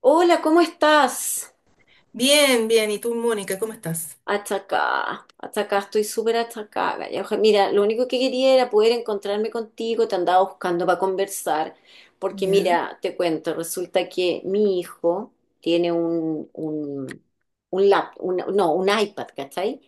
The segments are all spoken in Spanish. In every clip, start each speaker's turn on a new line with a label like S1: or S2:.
S1: Hola, ¿cómo estás?
S2: Bien, bien. ¿Y tú, Mónica, cómo estás?
S1: Achacá, achacá, estoy súper achacá, galla. Mira, lo único que quería era poder encontrarme contigo, te andaba buscando para conversar, porque
S2: Ya,
S1: mira, te cuento, resulta que mi hijo tiene un lap, un- no, un iPad, ¿cachai?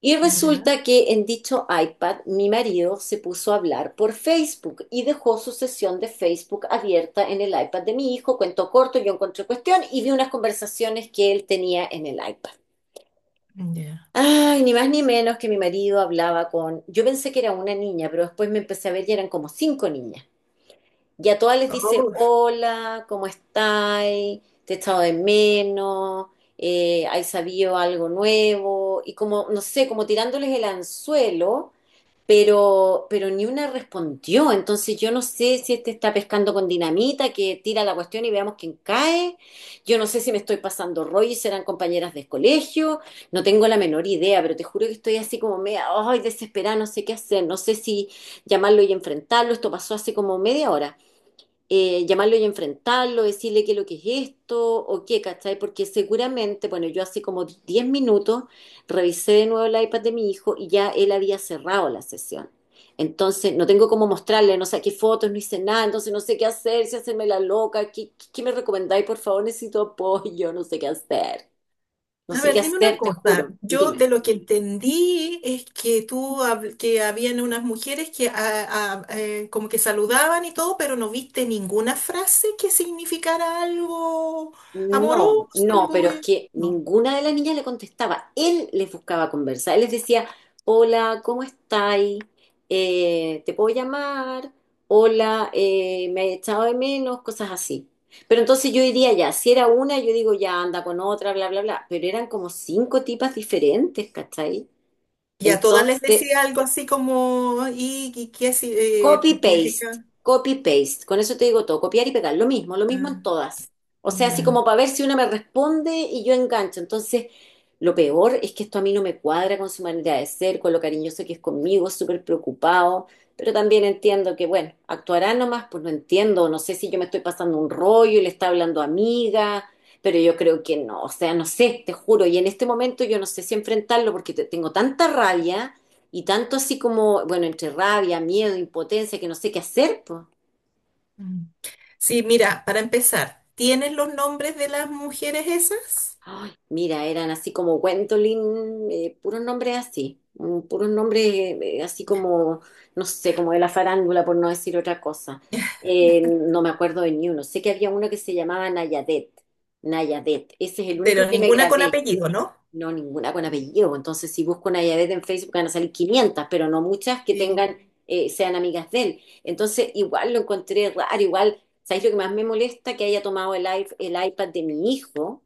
S1: Y
S2: ya,
S1: resulta que en dicho iPad mi marido se puso a hablar por Facebook y dejó su sesión de Facebook abierta en el iPad de mi hijo. Cuento corto, yo encontré cuestión y vi unas conversaciones que él tenía en el iPad.
S2: ya.
S1: Ay, ni más ni menos que mi marido hablaba con... Yo pensé que era una niña, pero después me empecé a ver y eran como cinco niñas. Y a todas les dice,
S2: Oh.
S1: hola, ¿cómo estáis? Te he echado de menos, ¿hay sabido algo nuevo? Y como, no sé, como tirándoles el anzuelo pero ni una respondió. Entonces yo no sé si este está pescando con dinamita, que tira la cuestión y veamos quién cae. Yo no sé si me estoy pasando rollo y serán compañeras de colegio. No tengo la menor idea, pero te juro que estoy así como media, ay, desesperada, no sé qué hacer. No sé si llamarlo y enfrentarlo. Esto pasó hace como media hora, llamarlo y enfrentarlo, decirle qué es lo que es esto o qué, ¿cachai? Porque seguramente, bueno, yo hace como 10 minutos revisé de nuevo el iPad de mi hijo y ya él había cerrado la sesión. Entonces, no tengo cómo mostrarle, no sé qué fotos, no hice nada, entonces no sé qué hacer, si hacerme la loca, qué me recomendáis? Por favor, necesito apoyo, no sé qué hacer. No
S2: A
S1: sé qué
S2: ver, dime una
S1: hacer, te
S2: cosa.
S1: juro.
S2: Yo
S1: Dime.
S2: de lo que entendí es que tú, que habían unas mujeres que como que saludaban y todo, pero no viste ninguna frase que significara algo
S1: No,
S2: amoroso,
S1: no,
S2: algo...
S1: pero es
S2: eh,
S1: que
S2: No.
S1: ninguna de las niñas le contestaba. Él les buscaba conversa. Él les decía, hola, ¿cómo estáis? ¿Te puedo llamar? Hola, me he echado de menos, cosas así. Pero entonces yo diría ya, si era una, yo digo ya anda con otra, bla, bla, bla. Pero eran como cinco tipas diferentes, ¿cachai?
S2: Y a todas les
S1: Entonces,
S2: decía algo así como, ¿y qué si-
S1: copy
S2: me has hecho?
S1: paste, copy paste. Con eso te digo todo, copiar y pegar, lo mismo
S2: Ah,
S1: en todas. O sea, así
S2: ya.
S1: como para ver si una me responde y yo engancho. Entonces, lo peor es que esto a mí no me cuadra con su manera de ser, con lo cariñoso que es conmigo, súper preocupado, pero también entiendo que, bueno, actuará nomás, pues no entiendo, no sé si yo me estoy pasando un rollo y le está hablando amiga, pero yo creo que no, o sea, no sé, te juro, y en este momento yo no sé si enfrentarlo porque tengo tanta rabia y tanto así como, bueno, entre rabia, miedo, impotencia, que no sé qué hacer, pues.
S2: Mm. Sí, mira, para empezar, ¿tienes los nombres de las mujeres esas?
S1: Ay, mira, eran así como Gwendolyn, puros nombres así, puros nombres así como, no sé, como de la farándula, por no decir otra cosa. No me acuerdo de ni uno. Sé que había uno que se llamaba Nayadet. Nayadet. Ese es el
S2: Pero
S1: único que me
S2: ninguna con
S1: grabé.
S2: apellido, ¿no?
S1: No, ninguna con apellido, pues. Entonces, si busco una Yadet en Facebook, van a salir 500, pero no muchas que
S2: Sí.
S1: tengan, sean amigas de él. Entonces, igual lo encontré raro, igual, ¿sabéis lo que más me molesta? Que haya tomado el iPad de mi hijo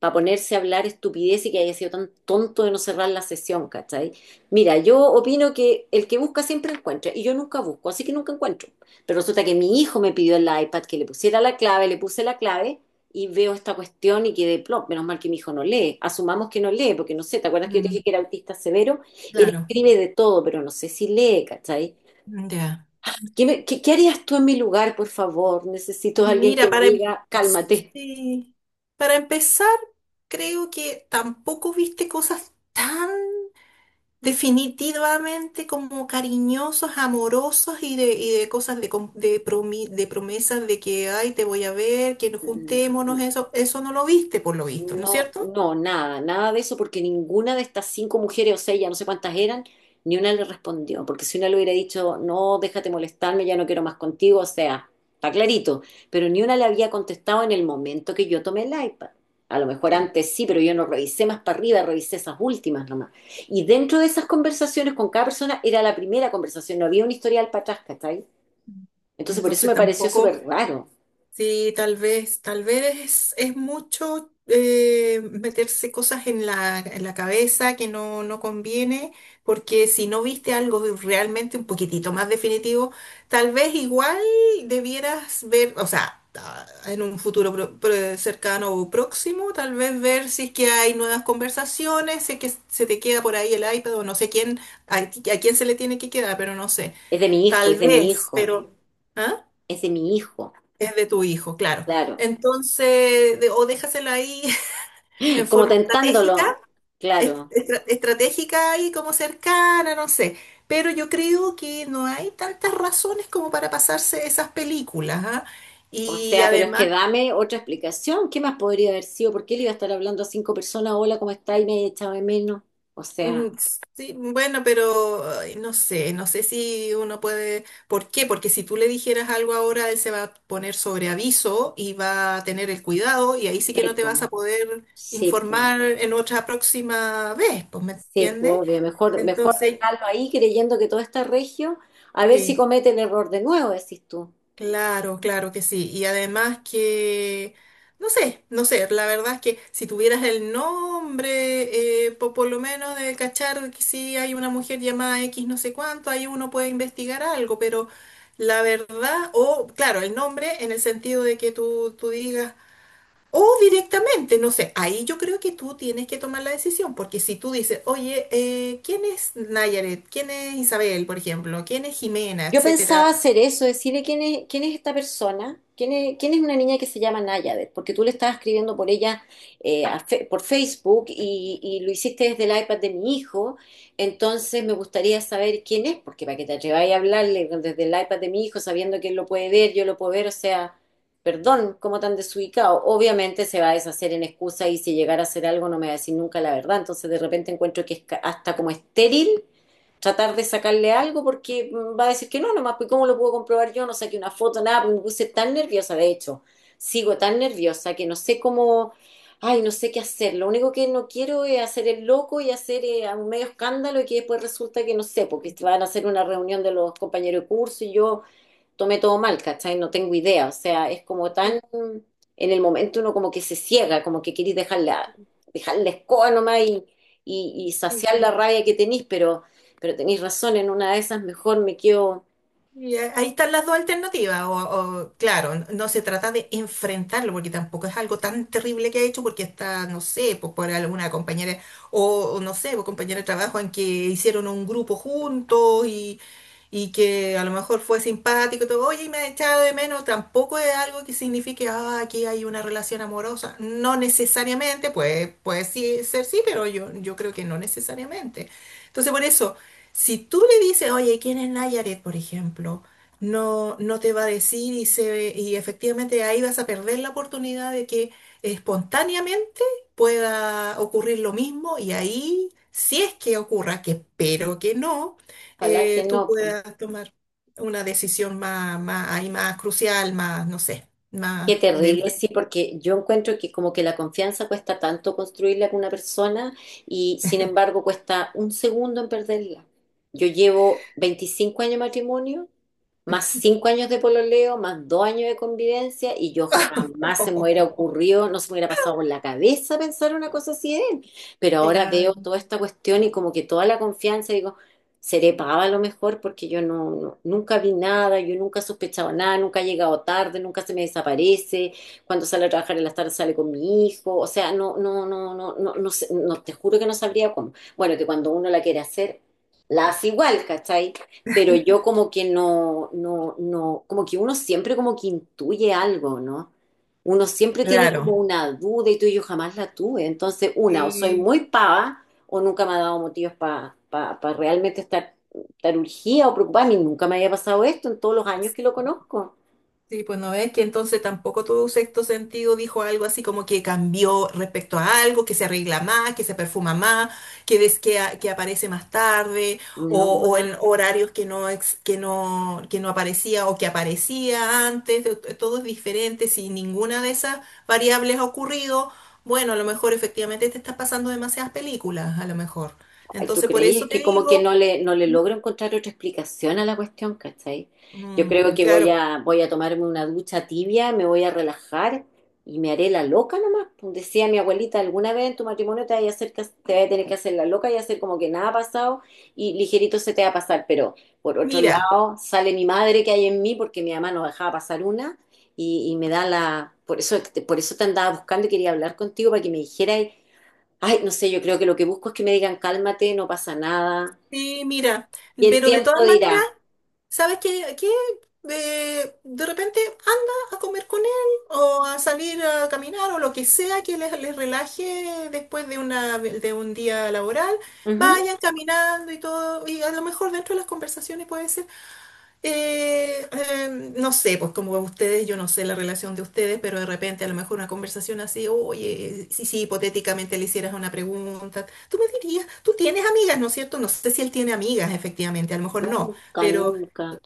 S1: para ponerse a hablar estupidez y que haya sido tan tonto de no cerrar la sesión, ¿cachai? Mira, yo opino que el que busca siempre encuentra, y yo nunca busco, así que nunca encuentro. Pero resulta que mi hijo me pidió el iPad, que le pusiera la clave, le puse la clave, y veo esta cuestión y quedé plop, menos mal que mi hijo no lee. Asumamos que no lee, porque no sé, ¿te acuerdas que yo te dije
S2: Mm,
S1: que era autista severo? Él
S2: claro,
S1: escribe de todo, pero no sé si lee, ¿cachai?
S2: ya.
S1: Qué harías tú en mi lugar, por favor? Necesito a alguien
S2: Mira,
S1: que me diga, cálmate.
S2: sí, para empezar, creo que tampoco viste cosas tan definitivamente como cariñosos, amorosos y de cosas de, de promesas de que, ay, te voy a ver, que nos juntémonos, eso no lo viste por lo visto, ¿no es
S1: No,
S2: cierto?
S1: no, nada, nada de eso, porque ninguna de estas cinco mujeres, o sea, ya no sé cuántas eran, ni una le respondió, porque si una le hubiera dicho, no, déjate molestarme, ya no quiero más contigo, o sea, está clarito, pero ni una le había contestado en el momento que yo tomé el iPad. A lo mejor
S2: Claro.
S1: antes sí, pero yo no revisé más para arriba, revisé esas últimas nomás. Y dentro de esas conversaciones con cada persona era la primera conversación, no había un historial para atrás, ¿cachai? Entonces por eso
S2: Entonces
S1: me pareció
S2: tampoco.
S1: súper raro.
S2: Sí, tal vez es mucho meterse cosas en la cabeza que no, no conviene, porque si no viste algo realmente un poquitito más definitivo, tal vez igual debieras ver, en un futuro cercano o próximo, tal vez ver si es que hay nuevas conversaciones, si es que se te queda por ahí el iPad o no sé quién, a quién se le tiene que quedar, pero no sé,
S1: Es
S2: tal
S1: de mi
S2: vez,
S1: hijo,
S2: pero... ¿ah?
S1: es de mi hijo,
S2: Es de tu hijo, claro.
S1: claro.
S2: Entonces, o déjasela ahí en
S1: Como
S2: forma
S1: tentándolo,
S2: estratégica,
S1: claro.
S2: estratégica y como cercana, no sé. Pero yo creo que no hay tantas razones como para pasarse esas películas, ¿ah?
S1: O
S2: Y
S1: sea, pero es
S2: además...
S1: que dame otra explicación. ¿Qué más podría haber sido? ¿Por qué le iba a estar hablando a cinco personas? Hola, ¿cómo está? Y me he echado de menos. O
S2: Mm.
S1: sea,
S2: Sí, bueno, pero ay, no sé, no sé si uno puede. ¿Por qué? Porque si tú le dijeras algo ahora, él se va a poner sobre aviso y va a tener el cuidado y ahí sí que no te
S1: sepo,
S2: vas a poder
S1: sepo,
S2: informar en otra próxima vez, pues, ¿me
S1: sepo,
S2: entiendes?
S1: obvio. Mejor
S2: Entonces,
S1: dejarlo ahí creyendo que todo está regio, a ver si
S2: sí.
S1: comete el error de nuevo, decís tú.
S2: Claro, claro que sí. Y además que, no sé, no sé, la verdad es que si tuvieras el nombre, por lo menos de cachar que si hay una mujer llamada X no sé cuánto, ahí uno puede investigar algo, pero la verdad, o claro, el nombre en el sentido de que tú digas, o directamente, no sé, ahí yo creo que tú tienes que tomar la decisión, porque si tú dices, oye, ¿quién es Nayaret? ¿Quién es Isabel, por ejemplo? ¿Quién es Jimena?
S1: Yo
S2: Etcétera.
S1: pensaba hacer eso, decirle quién es esta persona, quién es una niña que se llama Nayadet, porque tú le estabas escribiendo por ella, por Facebook y lo hiciste desde el iPad de mi hijo, entonces me gustaría saber quién es, porque para que te atreváis a hablarle desde el iPad de mi hijo sabiendo que él lo puede ver, yo lo puedo ver, o sea, perdón, cómo tan desubicado. Obviamente se va a deshacer en excusa y si llegara a hacer algo no me va a decir nunca la verdad, entonces de repente encuentro que es hasta como estéril tratar de sacarle algo porque va a decir que no, nomás, pues ¿cómo lo puedo comprobar yo? No saqué una foto, nada, pues me puse tan nerviosa, de hecho, sigo tan nerviosa que no sé cómo, ay, no sé qué hacer, lo único que no quiero es hacer el loco y hacer un medio escándalo y que después resulta que no sé, porque van a hacer una reunión de los compañeros de curso y yo tomé todo mal, ¿cachai? No tengo idea, o sea, es como tan, en el momento uno como que se ciega, como que querís dejar la escoba nomás y saciar la rabia que tenís, pero tenís razón, en una de esas mejor me quedo,
S2: Ahí están las dos alternativas. Claro, no se trata de enfrentarlo, porque tampoco es algo tan terrible que ha hecho, porque está, no sé, pues, por alguna compañera, o no sé, por compañera de trabajo en que hicieron un grupo juntos y que a lo mejor fue simpático y todo, oye, y me ha echado de menos, tampoco es algo que signifique, ah, aquí hay una relación amorosa. No necesariamente, pues, puede sí, ser sí, pero yo creo que no necesariamente. Entonces, por eso. Si tú le dices, oye, ¿quién es Nayaret, por ejemplo? No, no te va a decir y, se, y efectivamente ahí vas a perder la oportunidad de que espontáneamente pueda ocurrir lo mismo y ahí, si es que ocurra, que espero que no,
S1: ojalá que
S2: tú
S1: no, po.
S2: puedas tomar una decisión más, más, ahí más crucial, más, no sé,
S1: Qué
S2: más de...
S1: terrible, sí, porque yo encuentro que como que la confianza cuesta tanto construirla con una persona y sin embargo cuesta un segundo en perderla. Yo llevo 25 años de matrimonio, más 5 años de pololeo, más 2 años de convivencia y yo jamás se me hubiera ocurrido, no se me hubiera pasado por la cabeza pensar una cosa así de él. Pero ahora veo
S2: Claro.
S1: toda esta cuestión y como que toda la confianza, digo, seré pava a lo mejor porque yo nunca vi nada, yo nunca he sospechado nada, nunca he llegado tarde, nunca se me desaparece, cuando sale a trabajar en las tardes sale con mi hijo, o sea, no, te juro que no sabría cómo. Bueno, que cuando uno la quiere hacer, la hace igual, ¿cachai? Pero yo como que no, como que uno siempre como que intuye algo, ¿no? Uno siempre tiene como
S2: Claro.
S1: una duda y tú y yo jamás la tuve. Entonces, una, o soy
S2: Sí.
S1: muy pava o nunca me ha dado motivos para realmente estar urgida o preocupada. A mí nunca me había pasado esto en todos los años que lo conozco.
S2: Sí, pues no ves que entonces tampoco tu sexto sentido dijo algo así como que cambió respecto a algo, que se arregla más, que se perfuma más, que ves que, que aparece más tarde
S1: No,
S2: o en
S1: nada.
S2: horarios que no, que no, que no aparecía o que aparecía antes, todo es diferente, si ninguna de esas variables ha ocurrido, bueno, a lo mejor efectivamente te estás pasando demasiadas películas, a lo mejor.
S1: Ay, ¿tú
S2: Entonces por
S1: creí?
S2: eso
S1: Es
S2: te
S1: que como que
S2: digo,
S1: no le logro encontrar otra explicación a la cuestión, ¿cachai? Yo creo
S2: mm,
S1: que
S2: claro,
S1: voy a tomarme una ducha tibia, me voy a relajar y me haré la loca nomás. Pues decía mi abuelita, alguna vez en tu matrimonio te vas a tener que hacer la loca y hacer como que nada ha pasado y ligerito se te va a pasar. Pero por otro
S2: mira,
S1: lado, sale mi madre que hay en mí porque mi mamá no dejaba pasar una y me da la... por eso te andaba buscando y quería hablar contigo para que me dijeras. Ay, no sé, yo creo que lo que busco es que me digan cálmate, no pasa nada.
S2: sí, mira,
S1: Y el
S2: pero de todas
S1: tiempo
S2: maneras...
S1: dirá.
S2: ¿Sabes qué? ¿Qué? De repente anda a comer con él o a salir a caminar o lo que sea que les relaje después de, una, de un día laboral.
S1: Ujú.
S2: Vayan caminando y todo, y a lo mejor dentro de las conversaciones puede ser, eh, eh, no sé, pues como ustedes, yo no sé la relación de ustedes, pero de repente a lo mejor una conversación así, oye, si, si hipotéticamente le hicieras una pregunta, tú me dirías, tú tienes amigas, ¿no es cierto? No sé si él tiene amigas, efectivamente, a lo mejor no.
S1: Nunca,
S2: Pero
S1: nunca,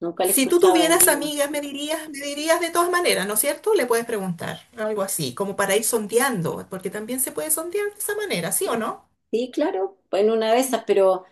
S1: nunca le
S2: si tú
S1: escuchaba de
S2: tuvieras
S1: mí.
S2: amigas, me dirías de todas maneras, ¿no es cierto? Le puedes preguntar algo así, como para ir sondeando, porque también se puede sondear de esa manera, ¿sí o no?
S1: Sí, claro, pues, en una de esas, pero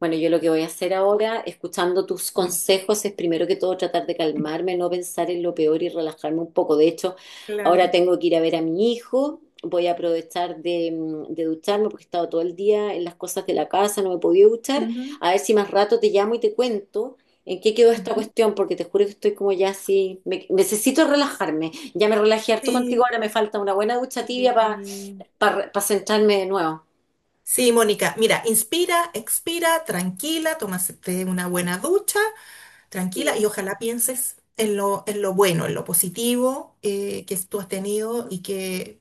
S1: bueno, yo lo que voy a hacer ahora, escuchando tus
S2: No.
S1: consejos, es primero que todo tratar de calmarme, no pensar en lo peor y relajarme un poco. De hecho, ahora
S2: Claro.
S1: tengo que ir a ver a mi hijo, voy a aprovechar de, de ducharme porque he estado todo el día en las cosas de la casa, no me he podido duchar.
S2: Ujú,
S1: A ver si más rato te llamo y te cuento en qué quedó esta
S2: ujú.
S1: cuestión, porque te juro que estoy como ya así, necesito relajarme. Ya me relajé harto contigo,
S2: Sí.
S1: ahora me falta una buena ducha tibia
S2: Sí,
S1: para centrarme de nuevo.
S2: sí, Mónica, mira, inspira, expira, tranquila, tómate una buena ducha, tranquila, y
S1: Sí.
S2: ojalá pienses en lo bueno, en lo positivo que tú has tenido y que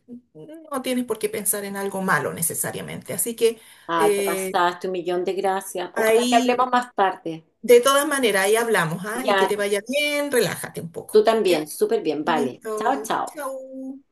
S2: no tienes por qué pensar en algo malo necesariamente. Así que
S1: Ay, te
S2: eh,
S1: pasaste un millón de gracias. Ojalá que
S2: ahí,
S1: hablemos más tarde.
S2: de todas maneras, ahí hablamos, ¿ah? Y que
S1: Ya,
S2: te vaya bien, relájate un
S1: tú
S2: poco, ¿ya?
S1: también. Súper bien. Vale. Chao,
S2: Listo,
S1: chao.
S2: chau.